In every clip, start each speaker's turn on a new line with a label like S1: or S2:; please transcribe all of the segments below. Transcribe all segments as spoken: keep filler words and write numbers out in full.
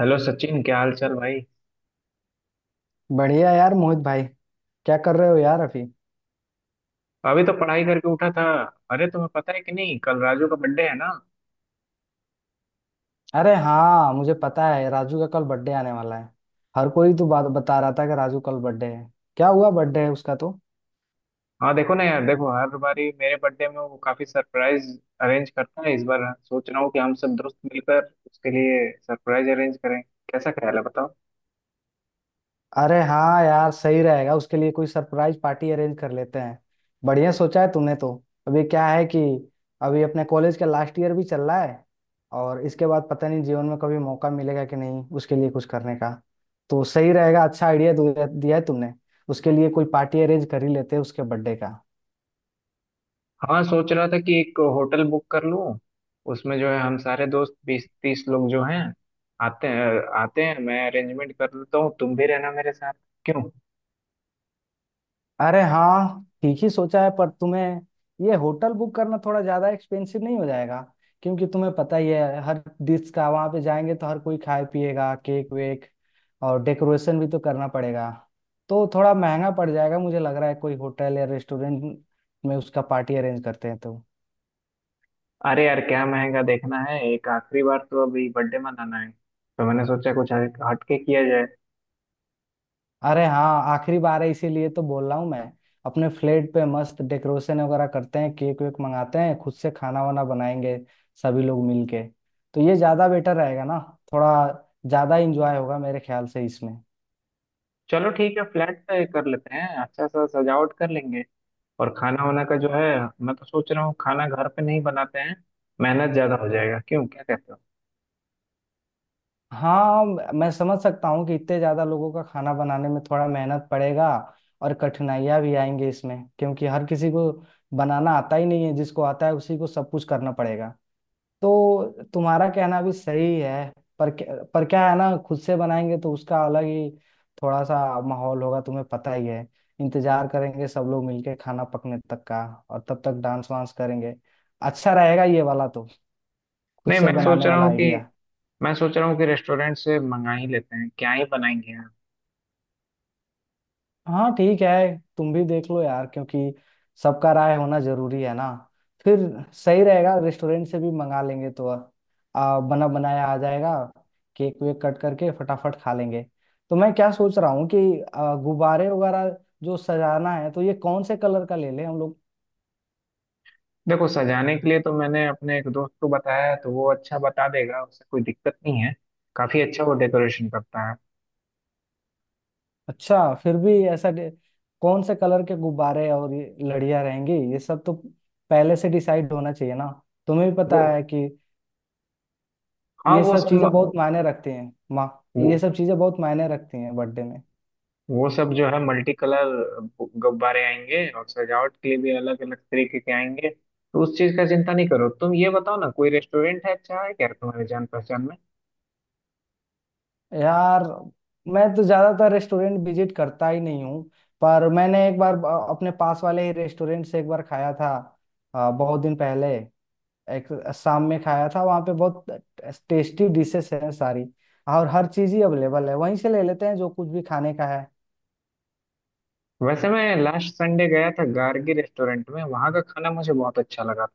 S1: Hello Sachin, क्या हाल चाल भाई।
S2: बढ़िया यार मोहित भाई। क्या कर रहे हो यार अभी?
S1: अभी तो पढ़ाई करके उठा था। अरे तुम्हें पता है कि नहीं, कल राजू का बर्थडे है ना।
S2: अरे हाँ मुझे पता है राजू का कल बर्थडे आने वाला है। हर कोई तो बात बता रहा था कि राजू कल बर्थडे है। क्या हुआ बर्थडे है उसका तो।
S1: हाँ देखो ना यार, देखो हर बारी मेरे बर्थडे में वो काफी सरप्राइज अरेंज करता है। इस बार सोच रहा हूँ कि हम सब दोस्त मिलकर उसके लिए सरप्राइज अरेंज करें। कैसा ख्याल है बताओ।
S2: अरे हाँ यार सही रहेगा उसके लिए कोई सरप्राइज पार्टी अरेंज कर लेते हैं। बढ़िया सोचा है तूने तो। अभी क्या है कि अभी अपने कॉलेज का लास्ट ईयर भी चल रहा है और इसके बाद पता नहीं जीवन में कभी मौका मिलेगा कि नहीं उसके लिए कुछ करने का। तो सही रहेगा, अच्छा आइडिया दिया दिया है तुमने। उसके लिए कोई पार्टी अरेंज कर ही लेते हैं उसके बर्थडे का।
S1: हाँ सोच रहा था कि एक होटल बुक कर लूँ। उसमें जो है हम सारे दोस्त बीस तीस लोग जो हैं आते हैं। आते हैं मैं अरेंजमेंट कर लेता हूँ, तुम भी रहना मेरे साथ, क्यों।
S2: अरे हाँ ठीक ही सोचा है, पर तुम्हें ये होटल बुक करना थोड़ा ज्यादा एक्सपेंसिव नहीं हो जाएगा? क्योंकि तुम्हें पता ही है हर डिश का वहां पे जाएंगे तो हर कोई खाए पिएगा केक वेक, और डेकोरेशन भी तो करना पड़ेगा। तो थोड़ा महंगा पड़ जाएगा मुझे लग रहा है, कोई होटल या रेस्टोरेंट में उसका पार्टी अरेंज करते हैं तो।
S1: अरे यार क्या महंगा देखना है, एक आखिरी बार तो अभी बर्थडे मनाना है, तो मैंने सोचा कुछ हट- हटके किया जाए।
S2: अरे हाँ आखिरी बार है इसीलिए तो बोल रहा हूँ मैं। अपने फ्लेट पे मस्त डेकोरेशन वगैरह करते हैं, केक वेक मंगाते हैं, खुद से खाना वाना बनाएंगे सभी लोग मिलके। तो ये ज्यादा बेटर रहेगा ना? थोड़ा ज्यादा इंजॉय होगा मेरे ख्याल से इसमें।
S1: चलो ठीक है, फ्लैट पे कर लेते हैं, अच्छा सा सजावट कर लेंगे। और खाना वाना का जो है, मैं तो सोच रहा हूँ खाना घर पे नहीं बनाते हैं, मेहनत ज्यादा हो जाएगा, क्यों, क्या कहते हो।
S2: हाँ, मैं समझ सकता हूँ कि इतने ज्यादा लोगों का खाना बनाने में थोड़ा मेहनत पड़ेगा और कठिनाइयाँ भी आएंगी इसमें, क्योंकि हर किसी को बनाना आता ही नहीं है, जिसको आता है उसी को सब कुछ करना पड़ेगा। तो तुम्हारा कहना भी सही है। पर क्या- पर क्या है ना, खुद से बनाएंगे तो उसका अलग ही थोड़ा सा माहौल होगा। तुम्हें पता ही है, इंतजार करेंगे सब लोग मिलके खाना पकने तक का, और तब तक डांस वांस करेंगे। अच्छा रहेगा ये वाला तो, खुद
S1: नहीं
S2: से
S1: मैं सोच
S2: बनाने
S1: रहा
S2: वाला
S1: हूँ कि
S2: आइडिया।
S1: मैं सोच रहा हूँ कि रेस्टोरेंट से मंगा ही लेते हैं, क्या ही बनाएंगे यार।
S2: हाँ ठीक है तुम भी देख लो यार, क्योंकि सबका राय होना जरूरी है ना। फिर सही रहेगा, रेस्टोरेंट से भी मंगा लेंगे तो आ, बना बनाया आ जाएगा। केक वेक कट करके फटाफट खा लेंगे। तो मैं क्या सोच रहा हूँ कि आ, गुब्बारे वगैरह जो सजाना है तो ये कौन से कलर का ले लें हम लोग?
S1: देखो सजाने के लिए तो मैंने अपने एक दोस्त को बताया है, तो वो अच्छा बता देगा, उससे कोई दिक्कत नहीं है। काफी अच्छा वो डेकोरेशन करता है।
S2: अच्छा फिर भी ऐसा डे- कौन से कलर के गुब्बारे और ये लड़ियाँ रहेंगी ये सब तो पहले से डिसाइड होना चाहिए ना। तुम्हें भी
S1: वो
S2: पता है कि
S1: हाँ
S2: ये
S1: वो
S2: सब चीजें
S1: सब
S2: बहुत मायने रखती हैं माँ।
S1: वो
S2: ये सब चीजें बहुत मायने रखती हैं बर्थडे में।
S1: वो सब जो है मल्टी कलर गुब्बारे आएंगे, और सजावट के लिए भी अलग अलग तरीके के आएंगे, तो उस चीज का चिंता नहीं करो। तुम ये बताओ ना, कोई रेस्टोरेंट है अच्छा है क्या तुम्हारे जान पहचान में।
S2: यार मैं तो ज्यादातर रेस्टोरेंट विजिट करता ही नहीं हूँ। पर मैंने एक बार अ, अपने पास वाले ही रेस्टोरेंट से एक बार खाया था, अ, बहुत दिन पहले, एक शाम में खाया था वहाँ पे। बहुत टेस्टी डिशेस हैं सारी, और हर चीज ही अवेलेबल है, वहीं से ले लेते हैं जो कुछ भी खाने का है।
S1: वैसे मैं लास्ट संडे गया था गार्गी रेस्टोरेंट में, वहां का खाना मुझे बहुत अच्छा लगा।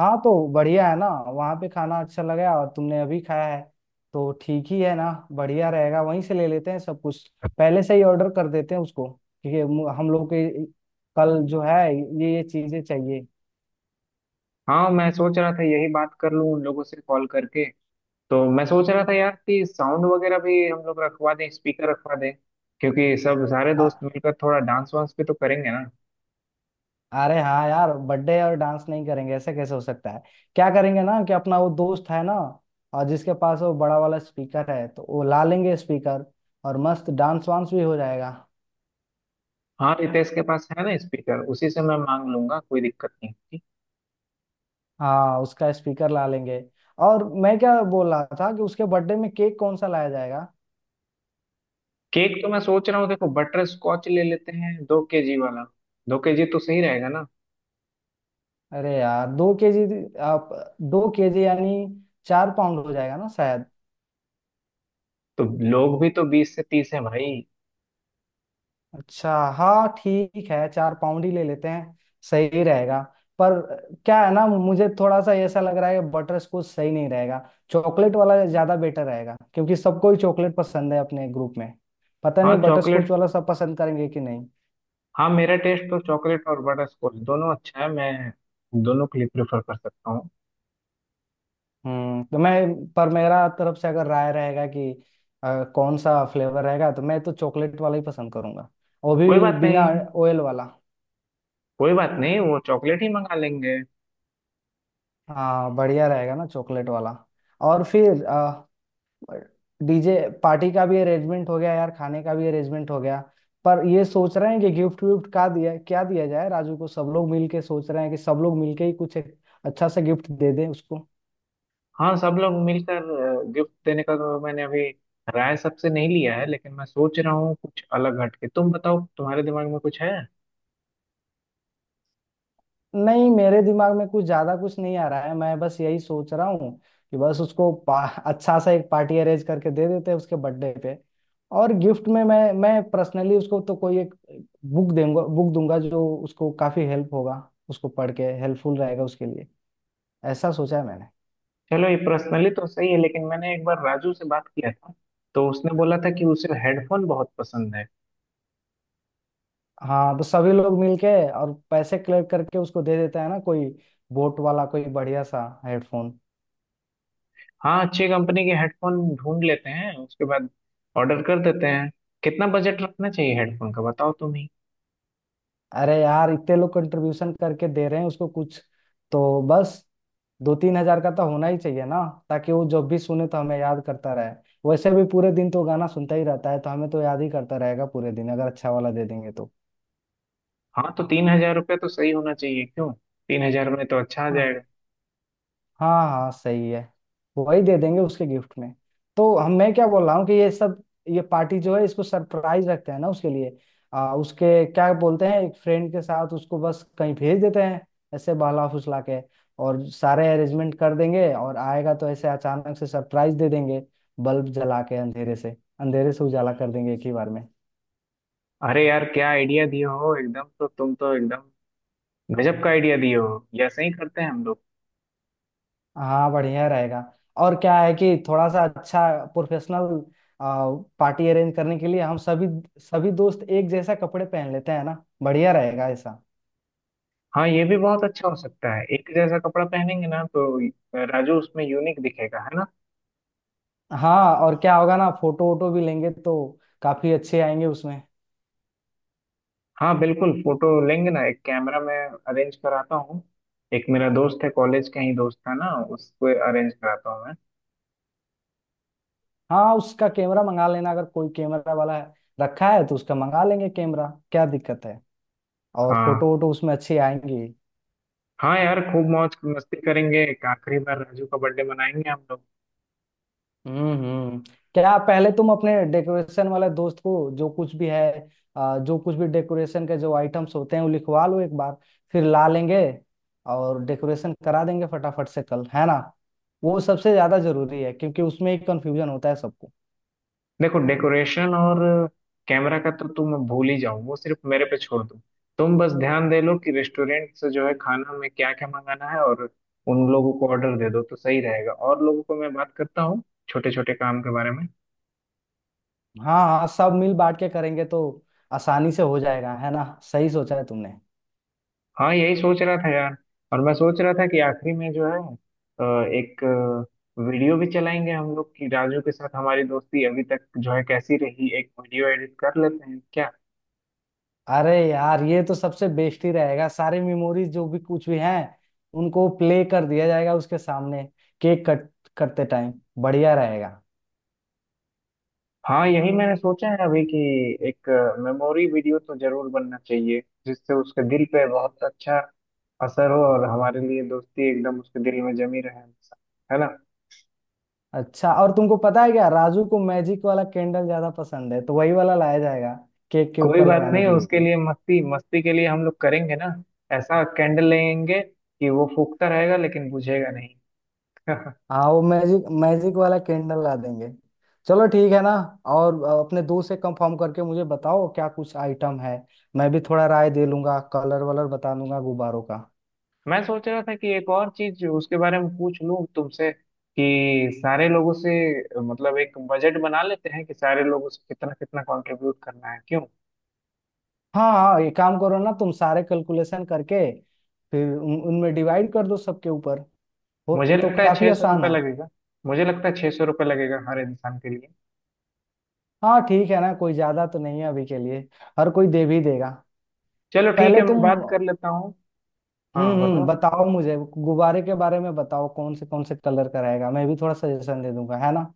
S2: हाँ तो बढ़िया है ना, वहाँ पे खाना अच्छा लगा और तुमने अभी खाया है तो ठीक ही है ना, बढ़िया रहेगा वहीं से ले लेते हैं सब कुछ। पहले से ही ऑर्डर कर देते हैं उसको, क्योंकि मु- हम लोग के कल जो है ये ये चीजें चाहिए।
S1: हाँ मैं सोच रहा था यही बात कर लूँ उन लोगों से कॉल करके। तो मैं सोच रहा था यार कि साउंड वगैरह भी हम लोग रखवा दें, स्पीकर रखवा दें, क्योंकि सब सारे
S2: आ,
S1: दोस्त मिलकर थोड़ा डांस वांस भी तो करेंगे ना।
S2: अरे हाँ यार बर्थडे और डांस नहीं करेंगे ऐसा कैसे हो सकता है? क्या करेंगे ना कि अपना वो दोस्त है ना, और जिसके पास वो बड़ा वाला स्पीकर है तो वो ला लेंगे स्पीकर, और मस्त डांस वांस भी हो जाएगा।
S1: हाँ रितेश के पास है ना स्पीकर, उसी से मैं मांग लूंगा, कोई दिक्कत नहीं होगी।
S2: हाँ उसका स्पीकर ला लेंगे। और मैं क्या बोल रहा था कि उसके बर्थडे में केक कौन सा लाया जाएगा?
S1: केक तो मैं सोच रहा हूँ, देखो बटर स्कॉच ले लेते हैं, दो केजी वाला। दो केजी तो सही रहेगा ना।
S2: अरे यार दो केजी? आप दो केजी यानी चार पाउंड हो जाएगा ना शायद।
S1: तो लोग भी तो बीस से तीस हैं भाई।
S2: अच्छा, हाँ ठीक है चार पाउंड ही ले लेते हैं। सही रहेगा। पर क्या है ना, मुझे थोड़ा सा ऐसा लग रहा है कि बटर स्कॉच सही नहीं रहेगा। चॉकलेट वाला ज्यादा बेटर रहेगा, क्योंकि सबको ही चॉकलेट पसंद है अपने ग्रुप में। पता
S1: हाँ
S2: नहीं बटर स्कॉच
S1: चॉकलेट।
S2: वाला सब पसंद करेंगे कि नहीं।
S1: हाँ मेरा टेस्ट तो चॉकलेट और बटर स्कॉच दोनों अच्छा है, मैं दोनों के लिए प्रेफर कर सकता हूँ।
S2: हम्म तो मैं पर मेरा तरफ से अगर राय रहेगा कि अ, कौन सा फ्लेवर रहेगा तो मैं तो चॉकलेट वाला ही पसंद करूंगा, वो
S1: कोई
S2: भी
S1: बात
S2: बिना
S1: नहीं।
S2: ऑयल वाला।
S1: कोई बात नहीं, वो चॉकलेट ही मंगा लेंगे।
S2: हाँ बढ़िया रहेगा ना चॉकलेट वाला। और फिर डीजे पार्टी का भी अरेंजमेंट हो गया यार, खाने का भी अरेंजमेंट हो गया। पर ये सोच रहे हैं कि गिफ्ट विफ्ट का दिया क्या दिया जाए राजू को, सब लोग मिल के सोच रहे हैं कि सब लोग मिल के ही कुछ एक अच्छा सा गिफ्ट दे दें उसको।
S1: हाँ सब लोग मिलकर गिफ्ट देने का तो मैंने अभी राय सबसे नहीं लिया है, लेकिन मैं सोच रहा हूँ कुछ अलग हटके। तुम बताओ, तुम्हारे दिमाग में कुछ है।
S2: नहीं, मेरे दिमाग में कुछ ज्यादा कुछ नहीं आ रहा है, मैं बस यही सोच रहा हूँ कि बस उसको पा, अच्छा सा एक पार्टी अरेंज करके दे देते हैं उसके बर्थडे पे। और गिफ्ट में मैं मैं पर्सनली उसको तो कोई एक बुक देंगे बुक दूंगा जो उसको काफी हेल्प होगा, उसको पढ़ के हेल्पफुल रहेगा उसके लिए। ऐसा सोचा है मैंने।
S1: चलो ये पर्सनली तो सही है, लेकिन मैंने एक बार राजू से बात किया था, तो उसने बोला था कि उसे हेडफोन बहुत पसंद है।
S2: हाँ तो सभी लोग मिलके और पैसे कलेक्ट करके उसको दे देता है ना कोई बोट वाला कोई बढ़िया सा हेडफोन।
S1: हाँ अच्छी कंपनी के हेडफोन ढूंढ लेते हैं, उसके बाद ऑर्डर कर देते हैं। कितना बजट रखना चाहिए हेडफोन का, बताओ तुम ही।
S2: अरे यार इतने लोग कंट्रीब्यूशन करके दे रहे हैं उसको कुछ तो बस, दो तीन हजार का तो होना ही चाहिए ना। ताकि वो जब भी सुने तो हमें याद करता रहे। वैसे भी पूरे दिन तो गाना सुनता ही रहता है, तो हमें तो याद ही करता रहेगा पूरे दिन अगर अच्छा वाला दे देंगे तो।
S1: हाँ तो तीन हजार रुपये तो सही होना चाहिए, क्यों। तीन हजार में तो अच्छा आ
S2: हाँ।
S1: जाएगा।
S2: हाँ हाँ सही है। वही दे देंगे उसके गिफ्ट में। तो हम मैं क्या बोल रहा हूँ कि ये सब, ये पार्टी जो है इसको सरप्राइज रखते हैं ना उसके लिए। आ, उसके क्या बोलते हैं, एक फ्रेंड के साथ उसको बस कहीं भेज देते हैं ऐसे बहला फुसला के, और सारे अरेंजमेंट कर देंगे, और आएगा तो ऐसे अचानक से सरप्राइज दे देंगे। बल्ब जला के अंधेरे से अंधेरे से उजाला कर देंगे एक ही बार में।
S1: अरे यार क्या आइडिया दिए हो एकदम, तो तुम तो एकदम गजब का आइडिया दिए हो। ये ऐसे ही करते हैं हम लोग।
S2: हाँ बढ़िया रहेगा। और क्या है कि थोड़ा सा अच्छा प्रोफेशनल पार्टी अरेंज करने के लिए हम सभी सभी दोस्त एक जैसा कपड़े पहन लेते हैं ना। बढ़िया रहेगा ऐसा।
S1: हाँ ये भी बहुत अच्छा हो सकता है, एक जैसा कपड़ा पहनेंगे ना तो राजू उसमें यूनिक दिखेगा, है ना।
S2: हाँ और क्या होगा ना, फोटो वोटो भी लेंगे तो काफी अच्छे आएंगे उसमें।
S1: हाँ बिल्कुल फोटो लेंगे ना, एक कैमरा मैं अरेंज कराता हूँ। एक मेरा दोस्त है कॉलेज का ही दोस्त था ना, उसको अरेंज कराता हूँ मैं।
S2: हाँ उसका कैमरा मंगा लेना, अगर कोई कैमरा वाला है रखा है तो उसका मंगा लेंगे कैमरा, क्या दिक्कत है। और फोटो
S1: हाँ
S2: वोटो उसमें अच्छी आएंगी।
S1: हाँ यार, खूब मौज मस्ती करेंगे, एक आखिरी बार राजू का बर्थडे मनाएंगे हम लोग।
S2: हम्म हम्म। क्या पहले तुम अपने डेकोरेशन वाले दोस्त को जो कुछ भी है, आ, जो कुछ भी डेकोरेशन के जो आइटम्स होते हैं वो लिखवा लो एक बार। फिर ला लेंगे और डेकोरेशन करा देंगे फटाफट से, कल है ना। वो सबसे ज्यादा जरूरी है क्योंकि उसमें ही कंफ्यूजन होता है सबको।
S1: देखो डेकोरेशन और कैमरा का तो तुम भूल ही जाओ, वो सिर्फ मेरे पे छोड़ दो। तुम बस ध्यान दे लो कि रेस्टोरेंट से जो है खाना में क्या क्या मंगाना है, और उन लोगों को ऑर्डर दे दो तो सही रहेगा, और लोगों को मैं बात करता हूँ छोटे छोटे काम के बारे में।
S2: हाँ हाँ, सब मिल बांट के करेंगे तो आसानी से हो जाएगा है ना। सही सोचा है तुमने।
S1: हाँ यही सोच रहा था यार। और मैं सोच रहा था कि आखिरी में जो है अ, एक अ, वीडियो भी चलाएंगे हम लोग, कि राजू के साथ हमारी दोस्ती अभी तक जो है कैसी रही, एक वीडियो एडिट कर लेते हैं क्या।
S2: अरे यार ये तो सबसे बेस्ट ही रहेगा, सारे मेमोरीज जो भी कुछ भी हैं उनको प्ले कर दिया जाएगा उसके सामने, केक कट करते टाइम। बढ़िया रहेगा।
S1: हाँ यही मैंने सोचा है अभी कि एक मेमोरी वीडियो तो जरूर बनना चाहिए, जिससे उसके दिल पे बहुत अच्छा असर हो, और हमारे लिए दोस्ती एकदम उसके दिल में जमी रहे हमेशा, है ना।
S2: अच्छा, और तुमको पता है क्या, राजू को मैजिक वाला कैंडल ज्यादा पसंद है तो वही वाला लाया जाएगा केक के
S1: कोई
S2: ऊपर
S1: बात
S2: लगाने
S1: नहीं,
S2: के
S1: उसके
S2: लिए।
S1: लिए मस्ती मस्ती के लिए हम लोग करेंगे ना। ऐसा कैंडल लेंगे कि वो फूकता रहेगा लेकिन बुझेगा नहीं।
S2: हाँ वो मैजिक मैजिक वाला कैंडल ला देंगे। चलो ठीक है ना। और अ, अपने दोस्त से कंफर्म करके मुझे बताओ क्या कुछ आइटम है, मैं भी थोड़ा राय दे लूंगा, कलर वलर बता दूंगा गुब्बारों का।
S1: मैं सोच रहा था कि एक और चीज उसके बारे में पूछ लूं तुमसे, कि सारे लोगों से, मतलब एक बजट बना लेते हैं कि सारे लोगों से कितना कितना कंट्रीब्यूट करना है, क्यों।
S2: हाँ हाँ, ये काम करो ना तुम, सारे कैलकुलेशन करके फिर उन, उनमें डिवाइड कर दो सबके ऊपर। वो,
S1: मुझे
S2: वो तो
S1: लगता है
S2: काफी
S1: छह सौ
S2: आसान
S1: रुपये
S2: है।
S1: लगेगा मुझे लगता है छह सौ रुपये लगेगा हर इंसान के लिए।
S2: हाँ ठीक है ना, कोई ज्यादा तो नहीं है अभी के लिए। हर कोई दे भी देगा।
S1: चलो ठीक
S2: पहले
S1: है,
S2: तुम।
S1: मैं बात कर लेता हूँ।
S2: हम्म
S1: हाँ
S2: हम्म,
S1: बताओ।
S2: बताओ मुझे गुब्बारे के बारे में, बताओ कौन से कौन से कलर का रहेगा, मैं भी थोड़ा सजेशन दे दूंगा है ना।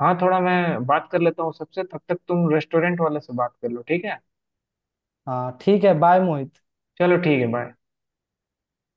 S1: हाँ थोड़ा मैं बात कर लेता हूँ सबसे, तब तक तुम रेस्टोरेंट वाले से बात कर लो, ठीक है।
S2: हाँ ठीक है, बाय मोहित।
S1: चलो ठीक है, बाय।